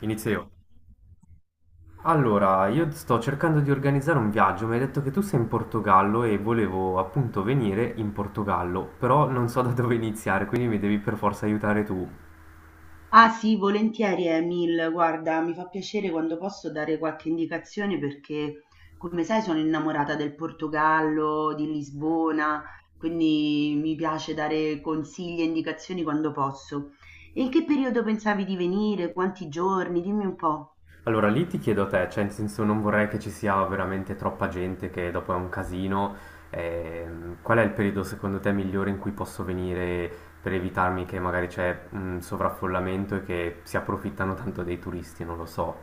Inizio io. Allora, io sto cercando di organizzare un viaggio, mi hai detto che tu sei in Portogallo e volevo appunto venire in Portogallo, però non so da dove iniziare, quindi mi devi per forza aiutare tu. Ah sì, volentieri Emil, guarda, mi fa piacere quando posso dare qualche indicazione perché, come sai, sono innamorata del Portogallo, di Lisbona, quindi mi piace dare consigli e indicazioni quando posso. E in che periodo pensavi di venire? Quanti giorni? Dimmi un po'. Allora, lì ti chiedo a te, cioè in senso non vorrei che ci sia veramente troppa gente, che dopo è un casino. Qual è il periodo secondo te migliore in cui posso venire per evitarmi che magari c'è un sovraffollamento e che si approfittano tanto dei turisti, non lo so.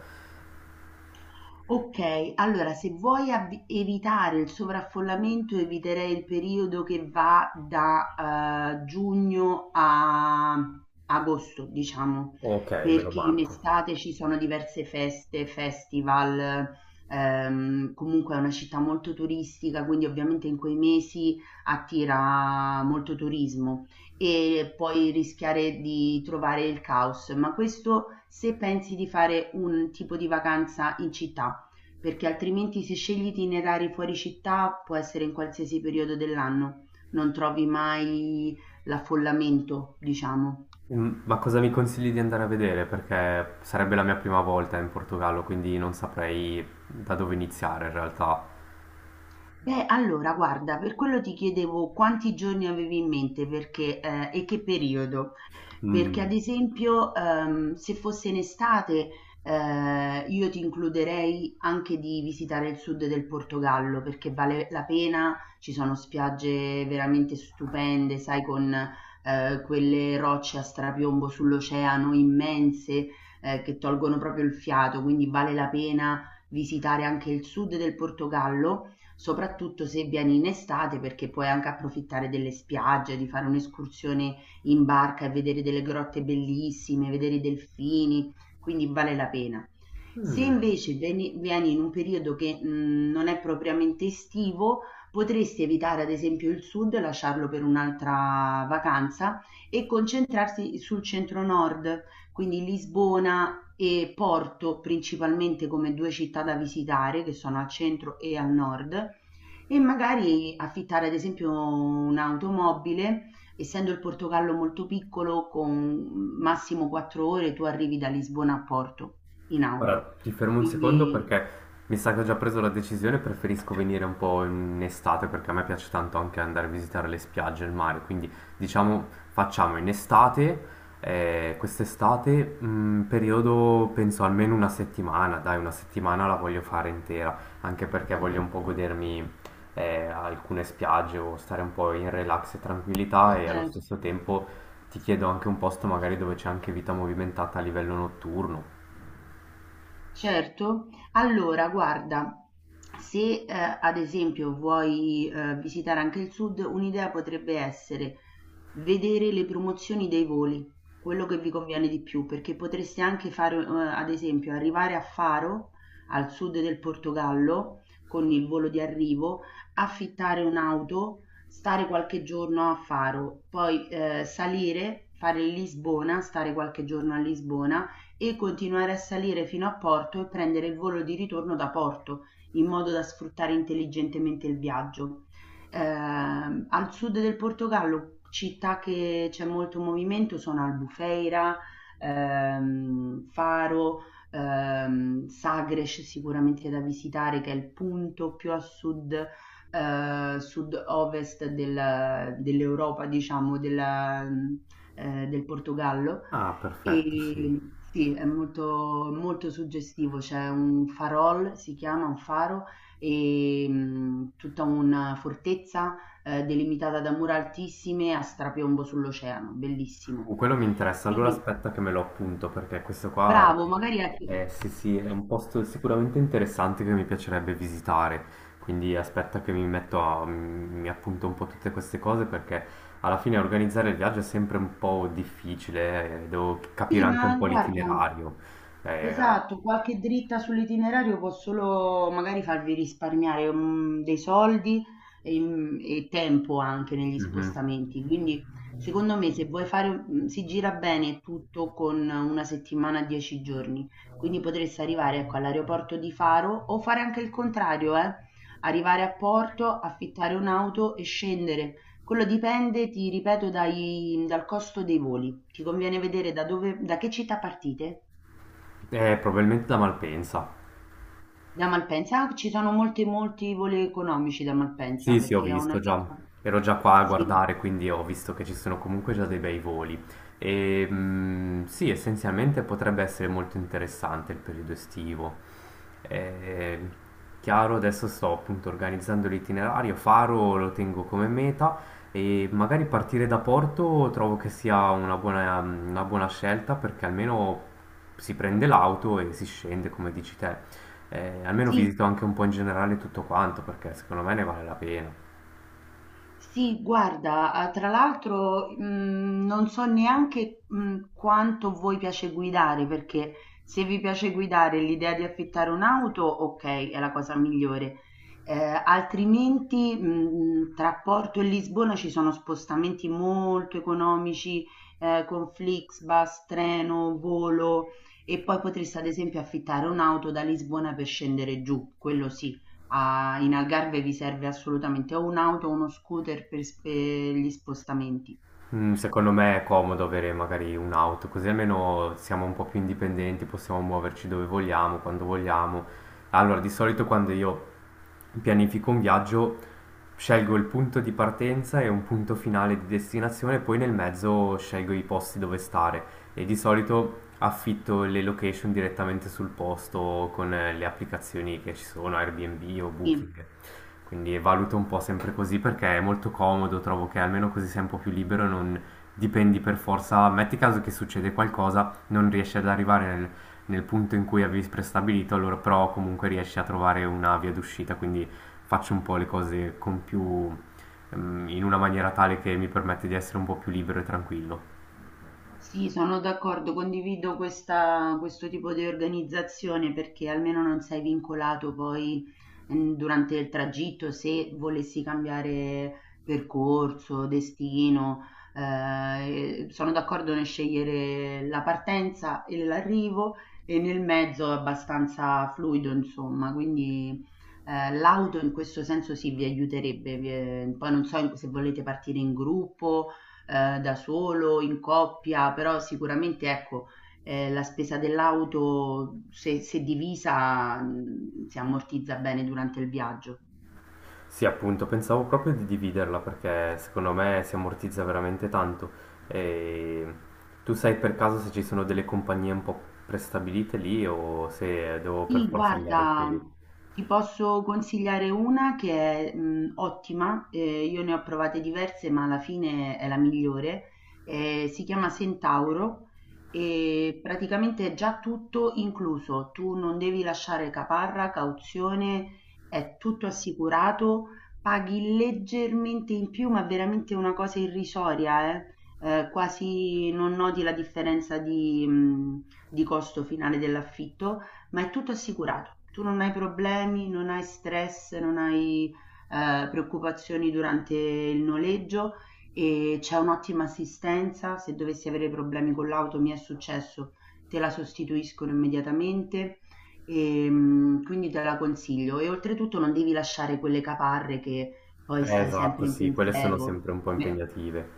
Ok, allora se vuoi evitare il sovraffollamento, eviterei il periodo che va da giugno a agosto, diciamo, Ok, me lo perché in marco. estate ci sono diverse feste, festival, comunque è una città molto turistica, quindi ovviamente in quei mesi attira molto turismo e puoi rischiare di trovare il caos, ma questo se pensi di fare un tipo di vacanza in città perché altrimenti se scegli itinerari fuori città può essere in qualsiasi periodo dell'anno, non trovi mai l'affollamento, diciamo. Mm, ma cosa mi consigli di andare a vedere? Perché sarebbe la mia prima volta in Portogallo, quindi non saprei da dove iniziare in realtà. Beh, allora, guarda, per quello ti chiedevo quanti giorni avevi in mente perché, e che periodo. Perché Mm. ad esempio, se fosse in estate, io ti includerei anche di visitare il sud del Portogallo, perché vale la pena, ci sono spiagge veramente stupende, sai, con quelle rocce a strapiombo sull'oceano immense, che tolgono proprio il fiato, quindi vale la pena visitare anche il sud del Portogallo, soprattutto se vieni in estate, perché puoi anche approfittare delle spiagge, di fare un'escursione in barca e vedere delle grotte bellissime, vedere i delfini, quindi vale la pena. Se Mm. invece vieni in un periodo che non è propriamente estivo, potresti evitare ad esempio il sud, lasciarlo per un'altra vacanza e concentrarsi sul centro-nord, quindi Lisbona e Porto principalmente come due città da visitare, che sono al centro e al nord, e magari affittare ad esempio un'automobile essendo il Portogallo molto piccolo, con massimo 4 ore tu arrivi da Lisbona a Porto in auto. Guarda, ti fermo un secondo Quindi, perché mi sa che ho già preso la decisione, preferisco venire un po' in estate perché a me piace tanto anche andare a visitare le spiagge, e il mare, quindi diciamo facciamo in estate, quest'estate, periodo penso almeno una settimana, dai, una settimana la voglio fare intera, anche perché voglio un po' godermi alcune spiagge o stare un po' in relax e tranquillità e allo certo. stesso tempo ti chiedo anche un posto magari dove c'è anche vita movimentata a livello notturno. Certo, allora guarda, se, ad esempio vuoi, visitare anche il sud, un'idea potrebbe essere vedere le promozioni dei voli, quello che vi conviene di più, perché potreste anche fare, ad esempio arrivare a Faro, al sud del Portogallo, con il volo di arrivo, affittare un'auto, stare qualche giorno a Faro, poi, salire, fare Lisbona, stare qualche giorno a Lisbona e continuare a salire fino a Porto e prendere il volo di ritorno da Porto, in modo da sfruttare intelligentemente il viaggio. Al sud del Portogallo, città che c'è molto movimento, sono Albufeira, Faro, Sagres sicuramente da visitare, che è il punto più a sud, sud-ovest dell'Europa, diciamo, del Portogallo Ah, perfetto, sì. e sì, è molto, molto suggestivo, c'è un farol, si chiama un faro, e tutta una fortezza delimitata da mura altissime a strapiombo sull'oceano, bellissimo. Quello mi interessa. Allora Quindi aspetta che me lo appunto, perché questo qua bravo, è, magari anche. Sì, sì, è un posto sicuramente interessante che mi piacerebbe visitare. Quindi aspetta che mi metto a, mi appunto un po' tutte queste cose, perché alla fine organizzare il viaggio è sempre un po' difficile, devo capire Sì, anche un ma po' guarda. l'itinerario. Eh, Esatto, qualche dritta sull'itinerario può solo magari farvi risparmiare, dei soldi e e tempo anche negli mhm. spostamenti. Quindi secondo me se vuoi fare si gira bene tutto con 1 settimana, 10 giorni. Quindi potreste arrivare, ecco, all'aeroporto di Faro o fare anche il contrario, arrivare a Porto, affittare un'auto e scendere. Quello dipende, ti ripeto, dai dal costo dei voli. Ti conviene vedere da che città partite? Probabilmente da Malpensa. Da Malpensa? Ah, ci sono molti voli economici da Malpensa Sì, sì, ho perché ho visto già, un'amica. ero già qua a Sì, guardare, quindi ho visto che ci sono comunque già dei bei voli. E mm, sì, essenzialmente potrebbe essere molto interessante il periodo estivo. Eh, chiaro, adesso sto appunto organizzando l'itinerario, Faro lo tengo come meta e magari partire da Porto trovo che sia una buona scelta perché almeno si prende l'auto e si scende, come dici te. Almeno sì. visito anche un po' in generale tutto quanto perché secondo me ne vale la pena. Sì, guarda, ah, tra l'altro, non so neanche, quanto voi piace guidare, perché se vi piace guidare l'idea di affittare un'auto, ok, è la cosa migliore. Eh, Altrimenti, tra Porto e Lisbona ci sono spostamenti molto economici, con Flixbus, treno, volo, e poi potreste ad esempio affittare un'auto da Lisbona per scendere giù, quello sì. A In Algarve vi serve assolutamente o un'auto o uno scooter per sp gli spostamenti. Mm, secondo me è comodo avere magari un'auto, così almeno siamo un po' più indipendenti, possiamo muoverci dove vogliamo, quando vogliamo. Allora, di solito quando io pianifico un viaggio, scelgo il punto di partenza e un punto finale di destinazione, poi nel mezzo scelgo i posti dove stare e di solito affitto le location direttamente sul posto con le applicazioni che ci sono, Airbnb o Sì. Booking. Quindi valuto un po' sempre così perché è molto comodo, trovo che almeno così sei un po' più libero e non dipendi per forza. Metti caso che succede qualcosa, non riesci ad arrivare nel, nel punto in cui avevi prestabilito, allora però comunque riesci a trovare una via d'uscita, quindi faccio un po' le cose con più, in una maniera tale che mi permette di essere un po' più libero e tranquillo. Sì, sono d'accordo, condivido questo tipo di organizzazione perché almeno non sei vincolato poi durante il tragitto se volessi cambiare percorso, destino. Sono d'accordo nel scegliere la partenza e l'arrivo e nel mezzo è abbastanza fluido, insomma, quindi l'auto in questo senso sì vi aiuterebbe. Poi non so se volete partire in gruppo da solo, in coppia, però sicuramente ecco, la spesa dell'auto se divisa, si ammortizza bene durante il viaggio. Sì, appunto, pensavo proprio di dividerla perché secondo me si ammortizza veramente tanto. E tu sai per caso se ci sono delle compagnie un po' prestabilite lì o se devo per Sì, forza andare su? guarda, ti posso consigliare una che è ottima, io ne ho provate diverse, ma alla fine è la migliore. Si chiama Centauro e praticamente è già tutto incluso. Tu non devi lasciare caparra, cauzione, è tutto assicurato, paghi leggermente in più, ma veramente una cosa irrisoria, eh. Quasi non noti la differenza di costo finale dell'affitto ma è tutto assicurato. Tu non hai problemi, non hai stress, non hai preoccupazioni durante il noleggio e c'è un'ottima assistenza. Se dovessi avere problemi con l'auto, mi è successo, te la sostituiscono immediatamente e quindi te la consiglio. E oltretutto non devi lasciare quelle caparre che poi stai Esatto, sempre in sì, quelle sono sempre un pensiero. po' Beh, impegnative.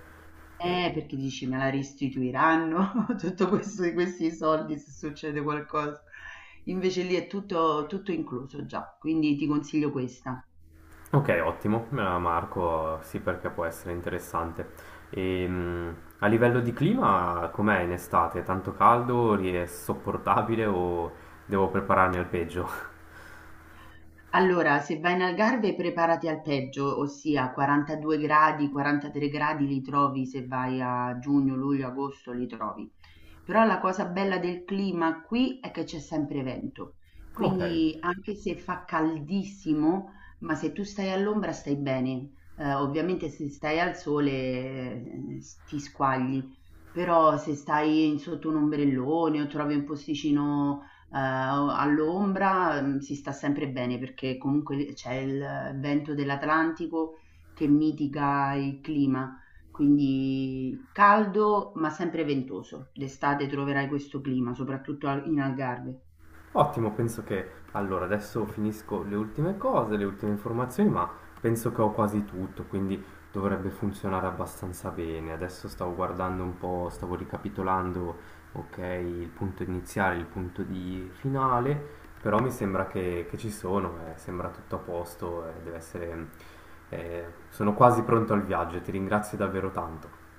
E- perché dici me la restituiranno tutto questo questi soldi se succede qualcosa. Invece lì è tutto, tutto incluso già, quindi ti consiglio questa. ok, ottimo, me la marco, sì perché può essere interessante. A livello di clima, com'è in estate? Tanto caldo? È sopportabile o devo prepararmi al peggio? Allora, se vai in Algarve preparati al peggio, ossia 42 gradi, 43 gradi li trovi se vai a giugno, luglio, agosto li trovi. Però la cosa bella del clima qui è che c'è sempre vento, Ok. quindi anche se fa caldissimo, ma se tu stai all'ombra stai bene. Ovviamente se stai al sole, ti squagli, però se stai sotto un ombrellone o trovi un posticino, all'ombra, si sta sempre bene perché comunque c'è il vento dell'Atlantico che mitiga il clima quindi caldo ma sempre ventoso. D'estate troverai questo clima, soprattutto in Algarve. Ottimo, penso che allora adesso finisco le ultime cose, le ultime informazioni, ma penso che ho quasi tutto, quindi dovrebbe funzionare abbastanza bene. Adesso stavo guardando un po', stavo ricapitolando, ok, il punto iniziale, il punto di finale, però mi sembra che ci sono, sembra tutto a posto, deve essere, eh, sono quasi pronto al viaggio, ti ringrazio davvero tanto.